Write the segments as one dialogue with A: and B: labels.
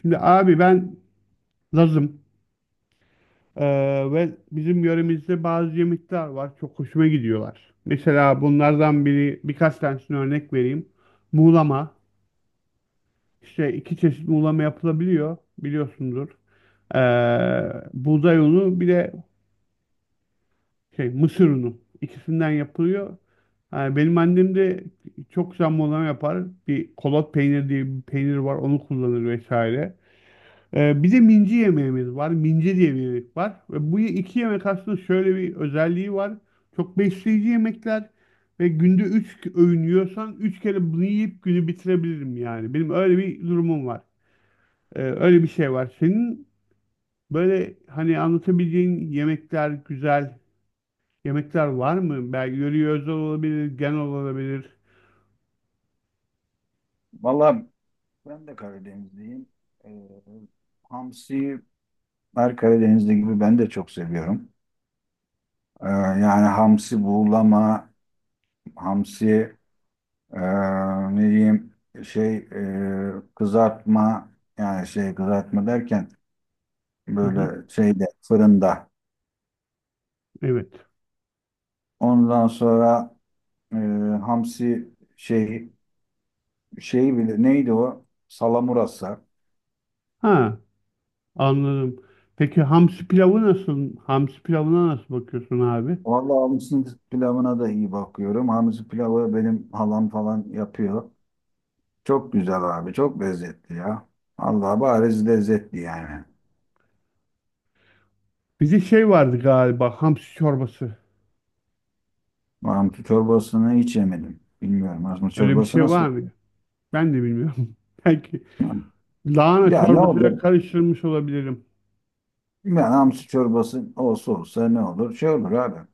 A: Şimdi abi, ben Lazım. Ee, ve bizim yöremizde bazı yemekler var. Çok hoşuma gidiyorlar. Mesela bunlardan birkaç tanesini örnek vereyim. Muğlama. İşte iki çeşit muğlama yapılabiliyor. Biliyorsundur. Ee, Buğday unu, bir de şey mısır unu. İkisinden yapılıyor. Yani benim annem de çok güzel muğlama yapar. Bir kolot peyniri diye bir peynir var. Onu kullanır vesaire. Bir de minci yemeğimiz var. Minci diye bir yemek var. Ve bu iki yemek aslında şöyle bir özelliği var. Çok besleyici yemekler. Ve günde 3 öğün yiyorsan 3 kere bunu yiyip günü bitirebilirim yani. Benim öyle bir durumum var. Öyle bir şey var. Senin böyle hani anlatabileceğin yemekler, güzel yemekler var mı? Belki yöreye özel olabilir, genel olabilir.
B: Valla ben de Karadenizliyim. Ee, Hamsi her Karadenizli gibi ben de çok seviyorum. Yani hamsi buğulama, hamsi e, ne diyeyim kızartma, yani kızartma derken
A: Hı hı,
B: böyle şeyde, fırında.
A: evet.
B: Ondan sonra e, hamsi şey şeyi bile neydi o? Salamurası.
A: Ha, anladım. Peki hamsi pilavı nasıl? Hamsi pilavına nasıl bakıyorsun abi?
B: Vallahi hamsi pilavına da iyi bakıyorum. Hamsi pilavı benim halam falan yapıyor. Çok güzel abi. Çok lezzetli ya. Allah bariz lezzetli yani.
A: Bir de şey vardı galiba hamsi çorbası.
B: Mantı çorbasını hiç yemedim. Bilmiyorum. Mantı
A: Öyle bir
B: çorbası
A: şey
B: nasıl?
A: var mı? Ben de bilmiyorum. Belki lahana
B: Ya ne
A: çorbasıyla
B: olur?
A: karıştırmış olabilirim.
B: Yani hamsi çorbası olsa olsa ne olur? Şey olur abi.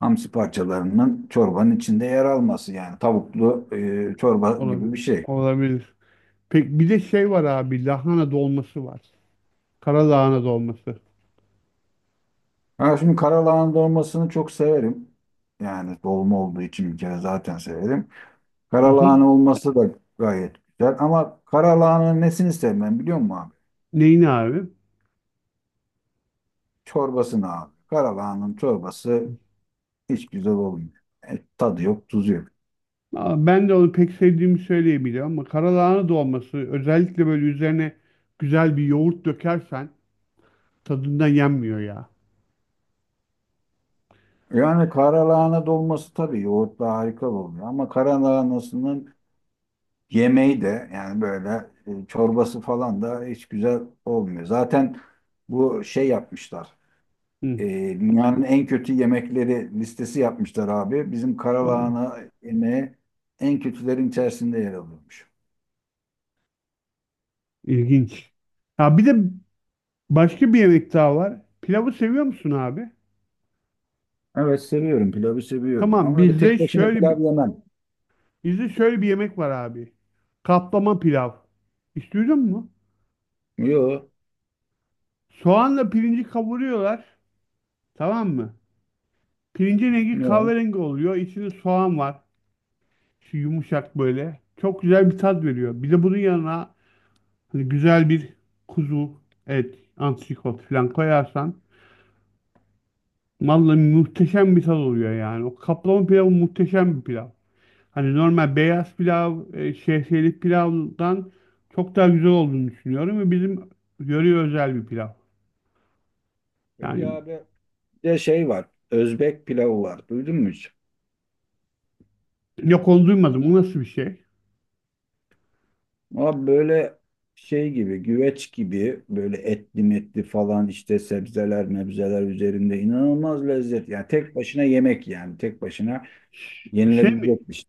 B: Hamsi parçalarının çorbanın içinde yer alması, yani tavuklu çorba gibi
A: Olabilir.
B: bir şey.
A: Olabilir. Peki bir de şey var abi, lahana dolması var. Kara lahana dolması.
B: Ha şimdi karalahana dolmasını çok severim. Yani dolma olduğu için bir kere zaten severim.
A: Hı hı.
B: Karalahana olması da gayet güzel, ama karalahananın nesini sevmem biliyor musun abi?
A: Neyin abi?
B: Çorbasını abi. Karalahanın çorbası hiç güzel olmuyor. Tadı yok, tuzu yok.
A: Aa, ben de onu pek sevdiğimi söyleyebilirim ama kara lahana dolması özellikle böyle üzerine güzel bir yoğurt dökersen tadından yenmiyor ya.
B: Yani karalahana dolması tabii yoğurtla harika oluyor. Ama karalahanasının yemeği de, yani böyle çorbası falan da hiç güzel olmuyor. Zaten bu şey yapmışlar.
A: Hı,
B: E, Dünyanın en kötü yemekleri listesi yapmışlar abi. Bizim
A: vallahi.
B: karalahana yemeği en kötülerin içerisinde yer alıyormuş.
A: İlginç. Ya bir de başka bir yemek daha var. Pilavı seviyor musun abi?
B: Evet seviyorum, pilavı seviyorum,
A: Tamam,
B: ama öyle
A: bizde
B: tek başına
A: şöyle bir
B: pilav yemem.
A: bizde şöyle bir yemek var abi. Kaplama pilav. Hiç duydun mu?
B: Yok.
A: Soğanla pirinci kavuruyorlar. Tamam mı? Pirincin rengi
B: Yok.
A: kahverengi oluyor. İçinde soğan var. Şu yumuşak böyle. Çok güzel bir tat veriyor. Bir de bunun yanına hani güzel bir kuzu et, antrikot falan koyarsan vallahi muhteşem bir tat oluyor yani. O kaplama pilavı muhteşem bir pilav. Hani normal beyaz pilav, şehriyelik pilavdan çok daha güzel olduğunu düşünüyorum ve bizim yöreye özel bir pilav.
B: Peki
A: Yani
B: abi, bir de şey var. Özbek pilavı var. Duydun mu hiç?
A: yok, onu duymadım. Bu nasıl bir şey?
B: Abi böyle şey gibi, güveç gibi, böyle etli metli falan, işte sebzeler mebzeler üzerinde inanılmaz lezzet. Yani tek başına yemek, yani tek başına
A: Şey mi?
B: yenilebilecek bir şey.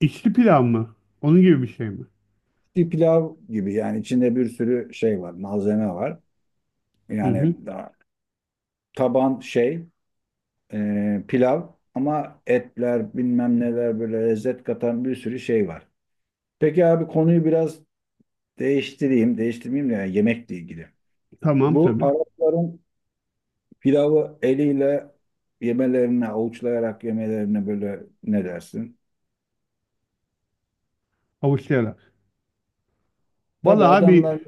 A: İçli pilav mı? Onun gibi bir şey mi?
B: Bir pilav gibi, yani içinde bir sürü şey var, malzeme var.
A: Hı hı.
B: Yani daha taban pilav, ama etler bilmem neler, böyle lezzet katan bir sürü şey var. Peki abi, konuyu biraz değiştireyim, değiştirmeyeyim de, yani yemekle ilgili.
A: Tamam
B: Bu
A: tabii.
B: Arapların pilavı eliyle yemelerini, avuçlayarak yemelerini, böyle ne dersin?
A: Havuçlayarak.
B: Tabii
A: Vallahi abi,
B: adamlar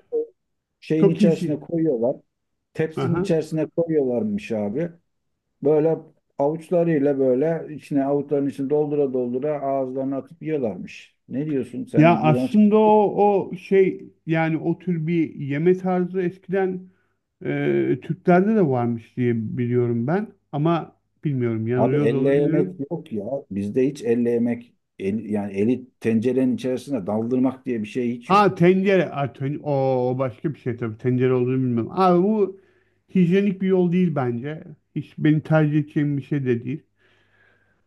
B: şeyin
A: çok iyi. Şey.
B: içerisine koyuyorlar. Tepsinin
A: Aha.
B: içerisine koyuyorlarmış abi. Böyle avuçlarıyla, böyle içine, avuçların içine doldura doldura ağızlarına atıp yiyorlarmış. Ne diyorsun, sen
A: Ya
B: iğrenç bir
A: aslında
B: şey.
A: o şey, yani o tür bir yeme tarzı eskiden Türklerde de varmış diye biliyorum ben. Ama bilmiyorum,
B: Abi
A: yanılıyor da
B: elle yemek
A: olabilirim.
B: yok ya. Bizde hiç elle yemek yani eli tencerenin içerisine daldırmak diye bir şey hiç yok.
A: Ha, tencere. Ha, o başka bir şey tabii. Tencere olduğunu bilmiyorum. Abi bu hijyenik bir yol değil bence. Hiç beni tercih edeceğim bir şey de değil.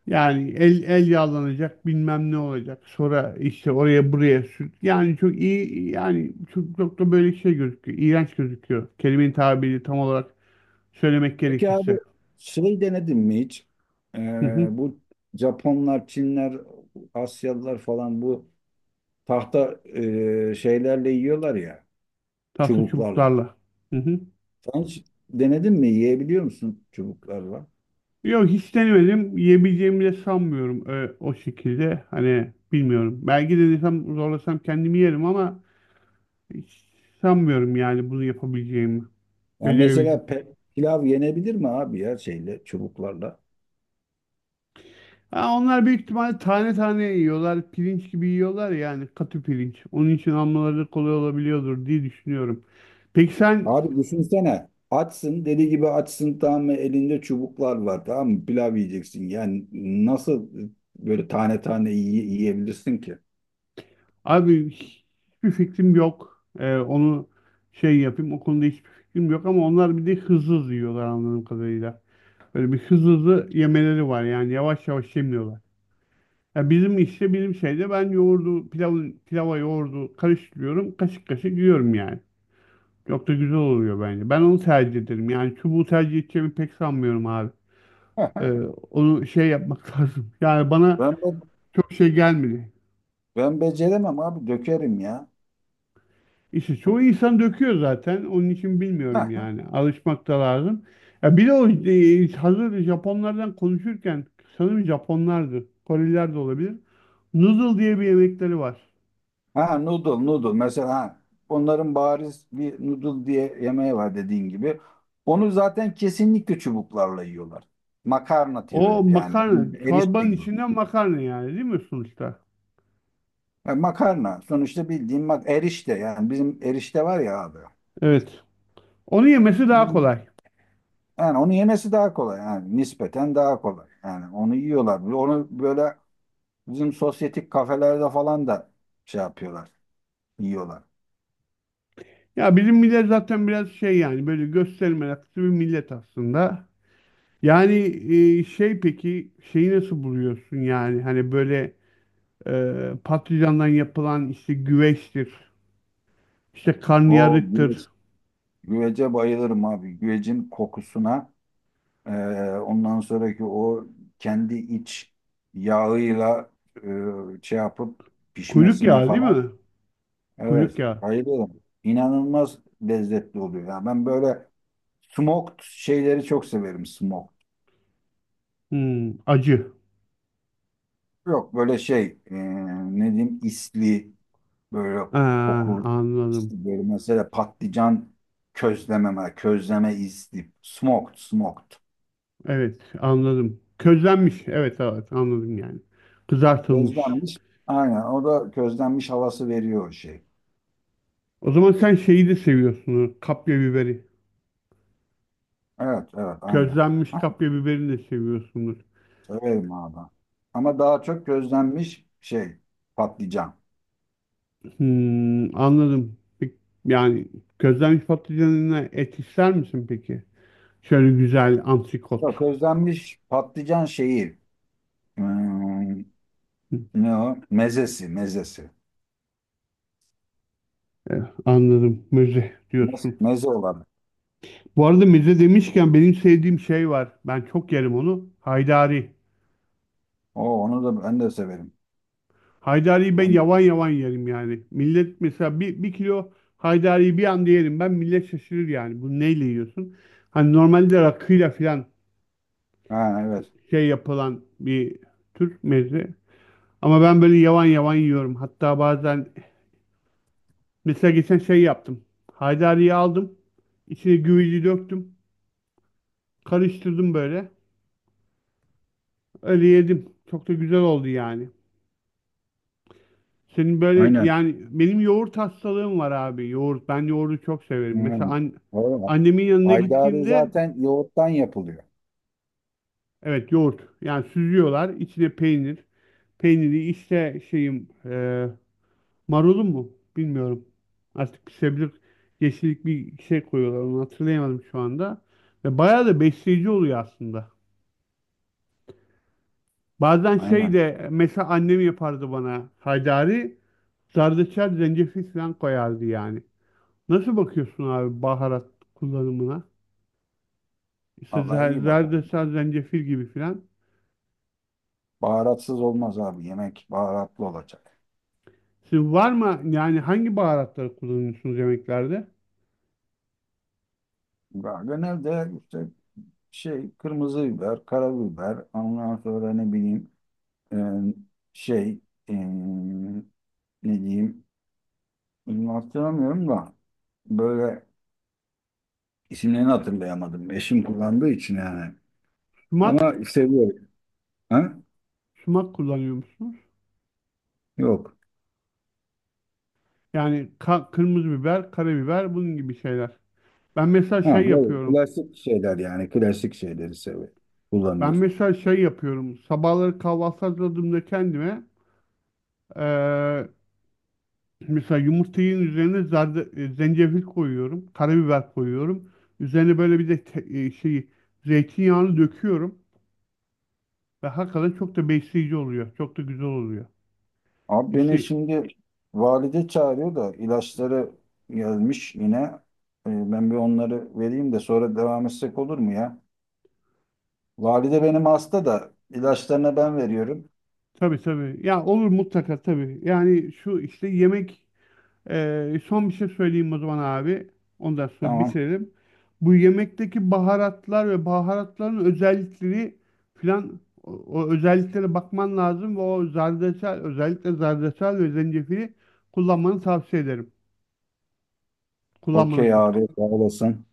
A: Yani el el yağlanacak, bilmem ne olacak. Sonra işte oraya buraya sür. Yani çok iyi, yani çok, çok da böyle şey gözüküyor. İğrenç gözüküyor. Kelimenin tabiri tam olarak söylemek
B: Peki abi,
A: gerekirse.
B: şey denedin mi hiç? Ee,
A: Hı hı.
B: Bu Japonlar, Çinler, Asyalılar falan bu tahta şeylerle yiyorlar ya,
A: Tahta
B: çubuklarla.
A: çubuklarla. Hı hı.
B: Sen hiç denedin mi? Yiyebiliyor musun çubuklarla?
A: Yok, hiç denemedim. Yiyebileceğimi de sanmıyorum o şekilde. Hani bilmiyorum. Belki de denesem, zorlasam kendimi yerim ama hiç sanmıyorum yani bunu yapabileceğimi.
B: Yani mesela
A: Becerebileceğim.
B: pilav yenebilir mi abi ya, şeyle, çubuklarla?
A: Ha, onlar büyük ihtimalle tane tane yiyorlar. Pirinç gibi yiyorlar, yani katı pirinç. Onun için almaları kolay olabiliyordur diye düşünüyorum. Peki sen
B: Abi düşünsene, açsın deli gibi, açsın tamam mı, elinde çubuklar var tamam mı, pilav yiyeceksin. Yani nasıl böyle tane tane yiyebilirsin ki?
A: abi, hiçbir fikrim yok. Onu şey yapayım, o konuda hiçbir fikrim yok ama onlar bir de hızlı hızlı yiyorlar anladığım kadarıyla. Böyle bir hızlı hızlı yemeleri var, yani yavaş yavaş yemiyorlar. Ya bizim işte bizim şeyde, ben yoğurdu pilavı pilava yoğurdu karıştırıyorum, kaşık kaşık yiyorum yani. Çok da güzel oluyor bence. Ben onu tercih ederim. Yani çubuğu tercih edeceğimi pek sanmıyorum abi. Ee, Onu şey yapmak lazım. Yani bana
B: Ben bu.
A: çok şey gelmedi.
B: Ben beceremem abi, dökerim ya.
A: İşte çoğu insan döküyor zaten. Onun için bilmiyorum
B: Ha,
A: yani. Alışmak da lazım. Ya bir de o, hazır Japonlardan konuşurken, sanırım Japonlardı. Koreliler de olabilir. Noodle diye bir yemekleri var.
B: ha noodle, onların bariz bir noodle diye yemeği var, dediğin gibi. Onu zaten kesinlikle çubuklarla yiyorlar. Makarna
A: O
B: türü, yani
A: makarna.
B: erişte
A: Çorbanın
B: gibi.
A: içinden makarna, yani değil mi sonuçta?
B: Ha, makarna sonuçta, bildiğin erişte, yani bizim erişte var ya abi.
A: Evet. Onu yemesi daha
B: Bizim-
A: kolay.
B: Yani onu yemesi daha kolay, yani nispeten daha kolay. Yani onu yiyorlar. Onu böyle bizim sosyetik kafelerde falan da şey yapıyorlar, yiyorlar.
A: Ya bizim millet zaten biraz şey, yani böyle gösteri meraklısı bir millet aslında. Yani şey, peki şeyi nasıl buluyorsun, yani hani böyle patlıcandan yapılan işte güveçtir, işte
B: O,
A: karnıyarıktır.
B: güvece bayılırım abi. Güvecin kokusuna, e, ondan sonraki o kendi iç yağıyla şey yapıp
A: Kuyruk
B: pişmesine
A: yağı değil
B: falan.
A: mi?
B: Evet,
A: Kuyruk yağı.
B: bayılırım. İnanılmaz lezzetli oluyor. Ya ben böyle smoked şeyleri çok severim, smoked.
A: Hmm, acı.
B: Yok böyle ne diyeyim, isli, böyle
A: Aa,
B: kokulu,
A: anladım.
B: isli, böyle mesela patlıcan, közleme, közleme, isli, smoked smoked.
A: Evet, anladım. Közlenmiş. Evet, evet, anladım yani. Kızartılmış.
B: Közlenmiş. Aynen. O da közlenmiş havası veriyor o şey.
A: O zaman sen şeyi de seviyorsunuz. Kapya biberi.
B: Evet, evet, aynen.
A: Közlenmiş
B: Ha,
A: kapya biberini de seviyorsunuz.
B: severim abi. Ama daha çok közlenmiş patlıcan.
A: Hmm, anladım. Peki, yani közlenmiş patlıcanına et ister misin peki? Şöyle güzel antrikot.
B: Yok, közlenmiş patlıcan şeyi. Hmm, ne o? Mezesi, mezesi.
A: E, Anladım. Müze diyorsun.
B: Meze olarak.
A: Bu arada müze demişken, benim sevdiğim şey var. Ben çok yerim onu. Haydari.
B: O, onu da ben de severim.
A: Haydari'yi ben
B: Ben,
A: yavan yavan yerim yani. Millet mesela bir kilo haydariyi bir anda yerim. Ben, millet şaşırır yani. Bu neyle yiyorsun? Hani normalde rakıyla falan
B: ha, evet.
A: şey yapılan bir tür meze. Ama ben böyle yavan yavan yiyorum. Hatta bazen mesela geçen şey yaptım. Haydari'yi aldım. İçine güveci döktüm. Karıştırdım böyle. Öyle yedim. Çok da güzel oldu yani. Senin böyle,
B: Aynen.
A: yani benim yoğurt hastalığım var abi. Yoğurt. Ben yoğurdu çok severim. Mesela
B: Aynen. Doğru.
A: annemin yanına
B: Haydari
A: gittiğimde,
B: zaten yoğurttan yapılıyor.
A: evet, yoğurt. Yani süzüyorlar. İçine peynir. Peyniri işte şeyim, marulum mu? Bilmiyorum. Artık bir sebze, yeşillik bir şey koyuyorlar. Onu hatırlayamadım şu anda. Ve bayağı da besleyici oluyor aslında. Bazen şey
B: Aynen.
A: de mesela annem yapardı bana, haydari zerdeçal zencefil falan koyardı yani. Nasıl bakıyorsun abi baharat kullanımına? İşte
B: Allah iyi bakalım.
A: zerdeçal zencefil gibi falan.
B: Baharatsız olmaz abi. Yemek baharatlı olacak.
A: Sizin var mı yani, hangi baharatları kullanıyorsunuz yemeklerde?
B: Ya genelde işte kırmızı biber, karabiber, ondan sonra ne bileyim, e, şey e, ne diyeyim, bunu hatırlamıyorum da, böyle isimlerini hatırlayamadım. Eşim kullandığı için yani. Ama
A: Sumak,
B: seviyorum. Ha?
A: sumak kullanıyor musunuz?
B: Yok.
A: Yani kırmızı biber, karabiber, bunun gibi şeyler. Ben mesela
B: Ha,
A: şey
B: böyle
A: yapıyorum.
B: klasik şeyler, yani klasik şeyleri seviyorum.
A: Ben
B: Kullanıyoruz.
A: mesela şey yapıyorum. Sabahları kahvaltı hazırladığımda kendime, eee, mesela yumurtanın üzerine zarda, zencefil koyuyorum, karabiber koyuyorum. Üzerine böyle bir de şey zeytinyağını döküyorum ve hakikaten çok da besleyici oluyor. Çok da güzel oluyor.
B: Abi beni
A: İşte
B: şimdi valide çağırıyor da, ilaçları gelmiş yine. Ben bir onları vereyim de sonra devam etsek olur mu ya? Valide benim hasta da, ilaçlarını ben veriyorum.
A: tabii tabii. Ya olur, mutlaka tabii. Yani şu işte yemek, son bir şey söyleyeyim o zaman abi. Ondan sonra
B: Tamam.
A: bitirelim. Bu yemekteki baharatlar ve baharatların özellikleri filan, o özelliklere bakman lazım ve o zerdeçal özellikle zerdeçal ve zencefili kullanmanı tavsiye ederim.
B: Okey
A: Kullanmanızı.
B: abi, sağ olasın.